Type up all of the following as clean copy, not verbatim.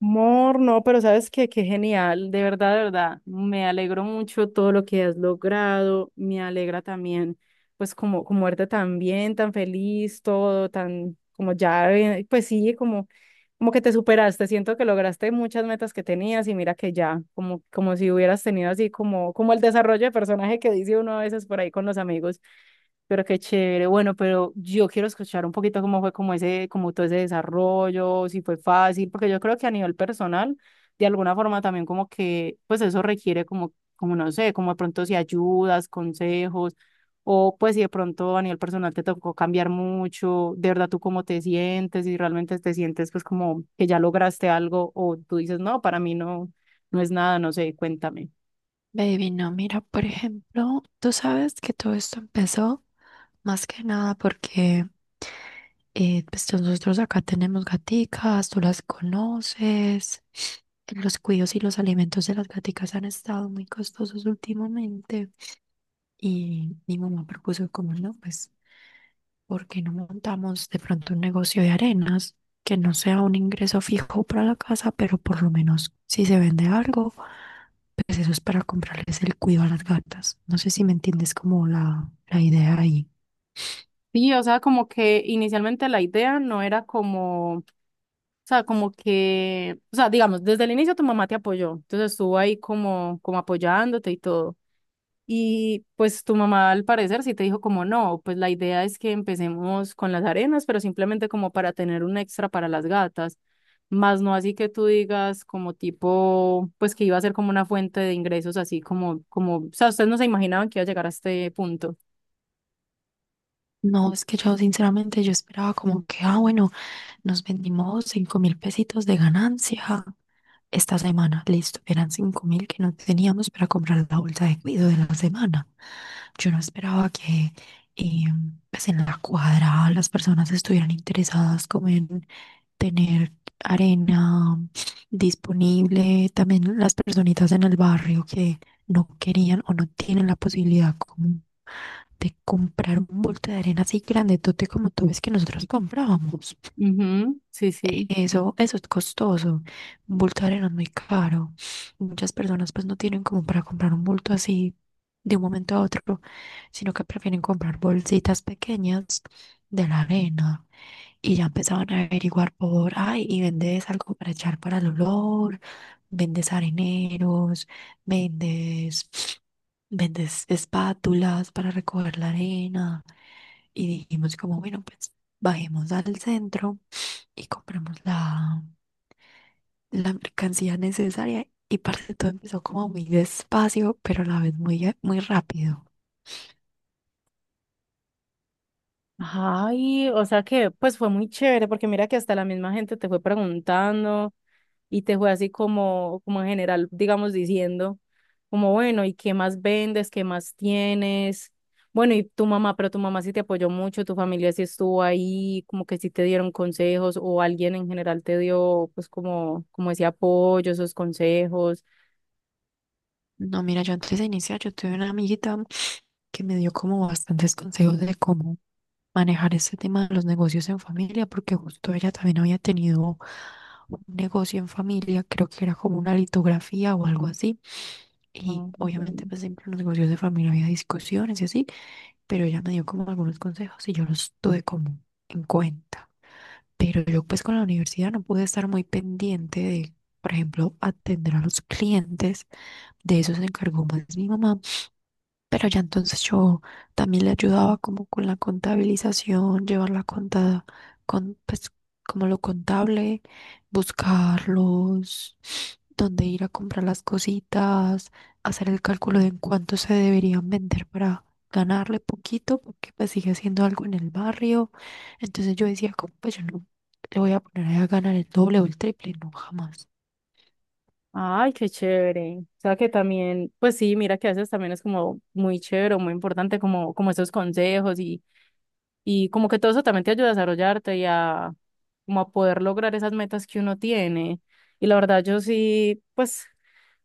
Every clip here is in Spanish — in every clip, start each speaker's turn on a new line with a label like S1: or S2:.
S1: Mor, no, pero sabes que qué genial, de verdad, me alegro mucho todo lo que has logrado, me alegra también, pues como, como verte tan bien, tan feliz, todo, tan, como ya, pues sí, como, como que te superaste, siento que lograste muchas metas que tenías y mira que ya, como, como si hubieras tenido así como, como el desarrollo de personaje que dice uno a veces por ahí con los amigos. Pero qué chévere. Bueno, pero yo quiero escuchar un poquito cómo fue como ese, como todo ese desarrollo, si fue fácil, porque yo creo que a nivel personal, de alguna forma también como que, pues eso requiere como, como no sé, como de pronto si ayudas, consejos, o pues si de pronto a nivel personal te tocó cambiar mucho, de verdad tú cómo te sientes, si realmente te sientes pues como que ya lograste algo, o tú dices, no, para mí no, no es nada, no sé, cuéntame.
S2: Baby, no, mira, por ejemplo, tú sabes que todo esto empezó más que nada porque pues nosotros acá tenemos gaticas, tú las conoces, los cuidos y los alimentos de las gaticas han estado muy costosos últimamente y mi mamá propuso como no, pues ¿por qué no montamos de pronto un negocio de arenas que no sea un ingreso fijo para la casa, pero por lo menos si se vende algo, pues eso es para comprarles el cuido a las gatas? No sé si me entiendes como la idea ahí.
S1: Sí, o sea, como que inicialmente la idea no era como. O sea, como que, o sea, digamos, desde el inicio tu mamá te apoyó, entonces estuvo ahí como, como apoyándote y todo. Y pues tu mamá al parecer sí te dijo como no, pues la idea es que empecemos con las arenas, pero simplemente como para tener un extra para las gatas, más no así que tú digas como tipo, pues que iba a ser como una fuente de ingresos así como, como, o sea, ustedes no se imaginaban que iba a llegar a este punto.
S2: No, es que yo sinceramente yo esperaba como que, ah, bueno, nos vendimos 5.000 pesitos de ganancia esta semana. Listo, eran 5.000 que no teníamos para comprar la bolsa de cuido de la semana. Yo no esperaba que eh, pues en la cuadra las personas estuvieran interesadas como en tener arena disponible, también las personitas en el barrio que no querían o no tienen la posibilidad como de comprar un bulto de arena así grandotote como tú ves que nosotros comprábamos.
S1: Ujú, sí, sí.
S2: Eso es costoso. Un bulto de arena es muy caro. Muchas personas pues no tienen como para comprar un bulto así de un momento a otro, sino que prefieren comprar bolsitas pequeñas de la arena. Y ya empezaban a averiguar por, ay, y vendes algo para echar para el olor, vendes areneros, vendes, vendes espátulas para recoger la arena. Y dijimos como, bueno, pues bajemos al centro y compramos la mercancía necesaria y parte todo empezó como muy despacio, pero a la vez muy, muy rápido.
S1: Ay, o sea que pues fue muy chévere porque mira que hasta la misma gente te fue preguntando y te fue así como, como en general, digamos, diciendo como, bueno, ¿y qué más vendes? ¿Qué más tienes? Bueno, y tu mamá, pero tu mamá sí te apoyó mucho, tu familia sí estuvo ahí, como que sí te dieron consejos o alguien en general te dio pues como, como ese apoyo, esos consejos.
S2: No, mira, yo antes de iniciar, yo tuve una amiguita que me dio como bastantes consejos de cómo manejar este tema de los negocios en familia, porque justo ella también había tenido un negocio en familia, creo que era como una litografía o algo así,
S1: Ah,
S2: y obviamente
S1: entiendo.
S2: pues siempre en los negocios de familia había discusiones y así, pero ella me dio como algunos consejos y yo los tuve como en cuenta. Pero yo pues con la universidad no pude estar muy pendiente de, por ejemplo, atender a los clientes. De eso se encargó más mi mamá, pero ya entonces yo también le ayudaba como con la contabilización, llevar la cuenta con pues como lo contable, buscarlos, dónde ir a comprar las cositas, hacer el cálculo de en cuánto se deberían vender para ganarle poquito, porque pues sigue haciendo algo en el barrio. Entonces yo decía, como pues yo no le voy a poner ahí a ganar el doble o el triple, no jamás.
S1: Ay, qué chévere. O sea que también, pues sí, mira que a veces también es como muy chévere, muy importante como, como esos consejos y como que todo eso también te ayuda a desarrollarte y a como a poder lograr esas metas que uno tiene. Y la verdad yo sí, pues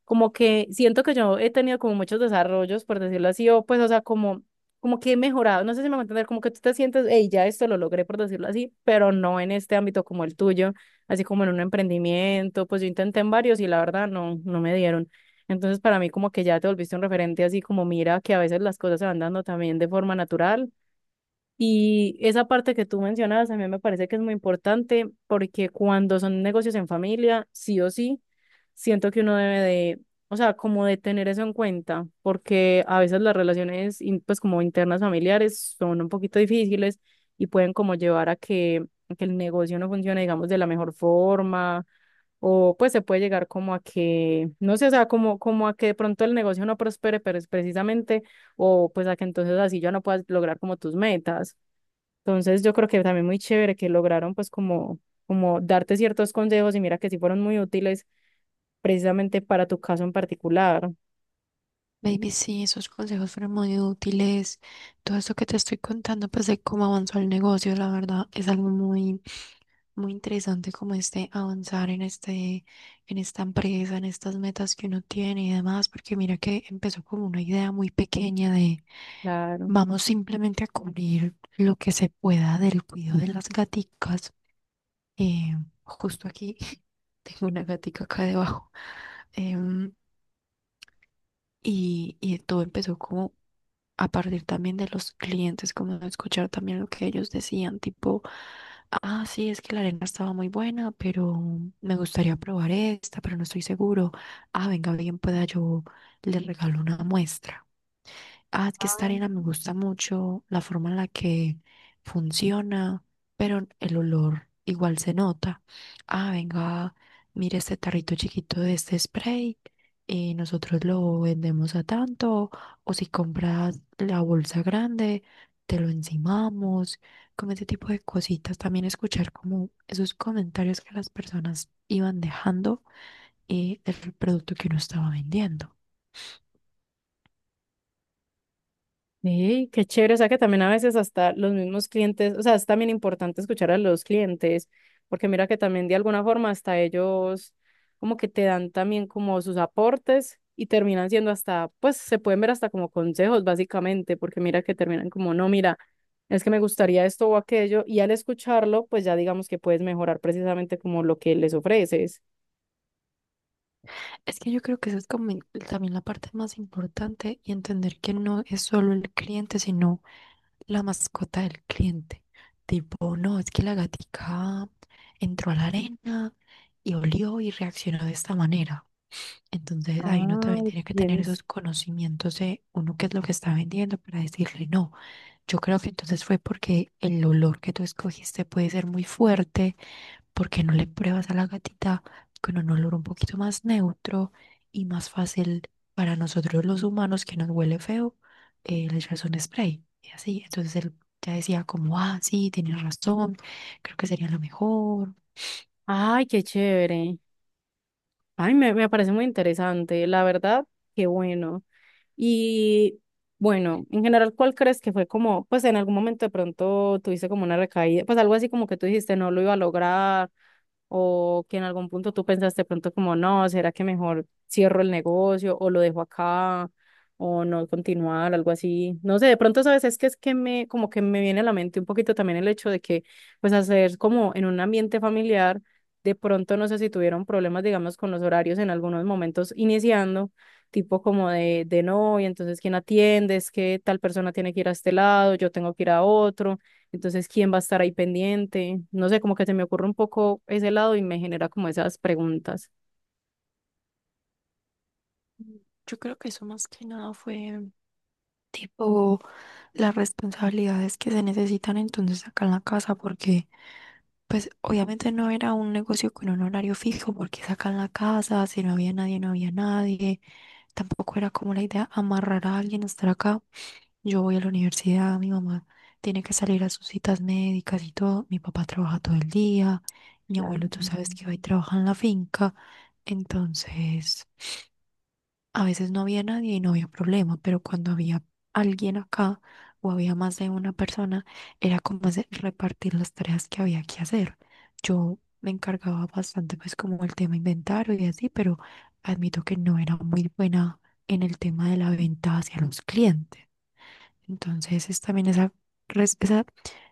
S1: como que siento que yo he tenido como muchos desarrollos, por decirlo así, o pues, o sea, como, como que he mejorado, no sé si me va a entender, como que tú te sientes, hey, ya esto lo logré, por decirlo así, pero no en este ámbito como el tuyo, así como en un emprendimiento, pues yo intenté en varios y la verdad no, no me dieron. Entonces, para mí como que ya te volviste un referente, así como mira que a veces las cosas se van dando también de forma natural y esa parte que tú mencionabas a mí me parece que es muy importante porque cuando son negocios en familia, sí o sí, siento que uno debe de, o sea, como de tener eso en cuenta, porque a veces las relaciones, in- pues como internas familiares, son un poquito difíciles y pueden como llevar a que el negocio no funcione, digamos, de la mejor forma, o pues se puede llegar como a que, no sé, o sea, como, como a que de pronto el negocio no prospere, pero es precisamente, o pues a que entonces así ya no puedas lograr como tus metas. Entonces yo creo que también muy chévere que lograron pues como, como darte ciertos consejos y mira que sí fueron muy útiles precisamente para tu caso en particular.
S2: Baby, sí, esos consejos fueron muy útiles. Todo esto que te estoy contando, pues de cómo avanzó el negocio, la verdad, es algo muy, muy interesante como este avanzar en esta empresa, en estas metas que uno tiene y demás, porque mira que empezó como una idea muy pequeña de
S1: Claro.
S2: vamos simplemente a cubrir lo que se pueda del cuidado de las gaticas. Eh, Justo aquí tengo una gatica acá debajo. Em, y todo empezó como a partir también de los clientes, como a escuchar también lo que ellos decían, tipo, ah, sí, es que la arena estaba muy buena, pero me gustaría probar esta, pero no estoy seguro. Ah, venga, bien, pueda yo le regalo una muestra. Ah, es que esta arena me gusta mucho la forma en la que funciona, pero el olor igual se nota. Ah, venga, mire este tarrito chiquito de este spray y nosotros lo vendemos a tanto, o si compras la bolsa grande, te lo encimamos, como ese tipo de cositas. También escuchar como esos comentarios que las personas iban dejando del producto que uno estaba vendiendo.
S1: Sí, qué chévere, o sea que también a veces hasta los mismos clientes, o sea, es también importante escuchar a los clientes, porque mira que también de alguna forma hasta ellos como que te dan también como sus aportes y terminan siendo hasta, pues se pueden ver hasta como consejos básicamente, porque mira que terminan como, no, mira, es que me gustaría esto o aquello, y al escucharlo, pues ya digamos que puedes mejorar precisamente como lo que les ofreces.
S2: Es que yo creo que eso es como también la parte más importante y entender que no es solo el cliente, sino la mascota del cliente. Tipo, no, es que la gatica entró a la arena y olió y reaccionó de esta manera. Entonces ahí uno también
S1: Ay,
S2: tiene que tener
S1: tienes.
S2: esos conocimientos de uno qué es lo que está vendiendo para decirle no. Yo creo que entonces fue porque el olor que tú escogiste puede ser muy fuerte, porque no le pruebas a la gatita con un olor un poquito más neutro y más fácil para nosotros los humanos que nos huele feo, le echas un spray y así. Entonces él ya decía como, ah, sí, tienes razón, creo que sería lo mejor.
S1: Ay, qué chévere. Ay, me parece muy interesante, la verdad, qué bueno. Y bueno, en general, ¿cuál crees que fue como, pues en algún momento de pronto tuviste como una recaída, pues algo así como que tú dijiste no lo iba a lograr o que en algún punto tú pensaste pronto como, no, ¿será que mejor cierro el negocio o lo dejo acá o no continuar, algo así? No sé, de pronto, sabes, es que me, como que me viene a la mente un poquito también el hecho de que, pues, hacer como en un ambiente familiar, de pronto, no sé si tuvieron problemas, digamos, con los horarios en algunos momentos iniciando. Tipo como de no, y entonces quién atiende, es que tal persona tiene que ir a este lado, yo tengo que ir a otro, entonces, ¿quién va a estar ahí pendiente? No sé, como que se me ocurre un poco ese lado y me genera como esas preguntas.
S2: Yo creo que eso más que nada fue tipo las responsabilidades que se necesitan entonces acá en la casa, porque pues obviamente no era un negocio con un horario fijo, porque es acá en la casa, si no había nadie, no había nadie, tampoco era como la idea amarrar a alguien a estar acá. Yo voy a la universidad, mi mamá tiene que salir a sus citas médicas y todo, mi papá trabaja todo el día, mi abuelo tú
S1: Claro.
S2: sabes que va y trabaja en la finca, entonces... A veces no había nadie y no había problema, pero cuando había alguien acá o había más de una persona, era como repartir las tareas que había que hacer. Yo me encargaba bastante, pues, como el tema inventario y así, pero admito que no era muy buena en el tema de la venta hacia los clientes. Entonces, es también res- esa,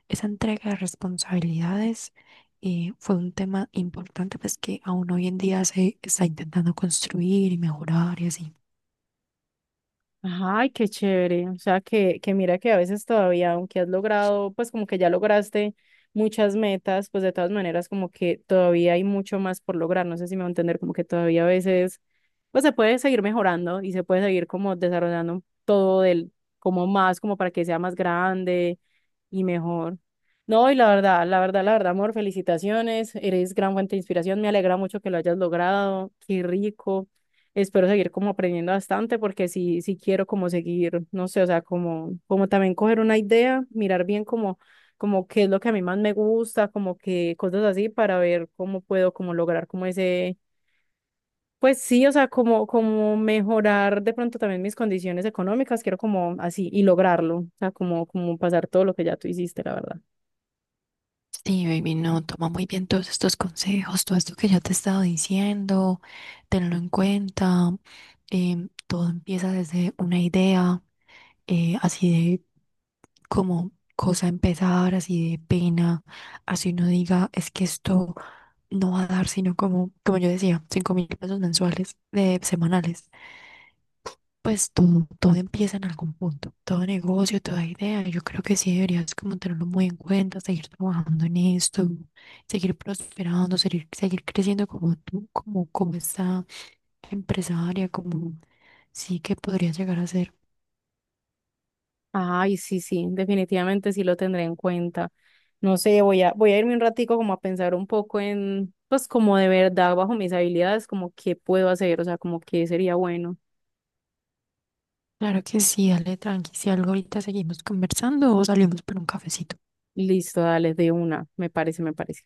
S2: esa entrega de responsabilidades, fue un tema importante, pues, que aún hoy en día se está intentando construir y mejorar y así.
S1: Ay, qué chévere. O sea, que mira que a veces todavía, aunque has logrado, pues como que ya lograste muchas metas, pues de todas maneras como que todavía hay mucho más por lograr. No sé si me va a entender, como que todavía a veces, pues se puede seguir mejorando y se puede seguir como desarrollando todo del, como más, como para que sea más grande y mejor. No, y la verdad, amor, felicitaciones. Eres gran fuente de inspiración. Me alegra mucho que lo hayas logrado. Qué rico. Espero seguir como aprendiendo bastante porque sí, sí quiero como seguir, no sé, o sea, como, como también coger una idea, mirar bien como, como qué es lo que a mí más me gusta, como que cosas así para ver cómo puedo como lograr como ese, pues sí, o sea, como, como mejorar de pronto también mis condiciones económicas. Quiero como así y lograrlo, o sea, como, como pasar todo lo que ya tú hiciste, la verdad.
S2: Sí, baby, no, toma muy bien todos estos consejos, todo esto que yo te he estado diciendo, tenlo en cuenta. Todo empieza desde una idea, así de como cosa a empezar, así de pena, así uno diga, es que esto no va a dar, sino como, yo decía, 5.000 pesos mensuales, de semanales. Pues todo empieza en algún punto, todo negocio, toda idea. Yo creo que sí deberías como tenerlo muy en cuenta, seguir trabajando en esto, seguir prosperando, seguir creciendo como tú, como esta empresaria, como sí que podría llegar a ser.
S1: Ay, sí, sí, definitivamente sí lo tendré en cuenta. No sé, voy a irme un ratico como a pensar un poco en, pues como de verdad, bajo mis habilidades, como qué puedo hacer, o sea, como qué sería bueno.
S2: Claro que sí, dale tranqui. Si algo ahorita seguimos conversando o salimos por un cafecito.
S1: Listo, dale, de una, me parece.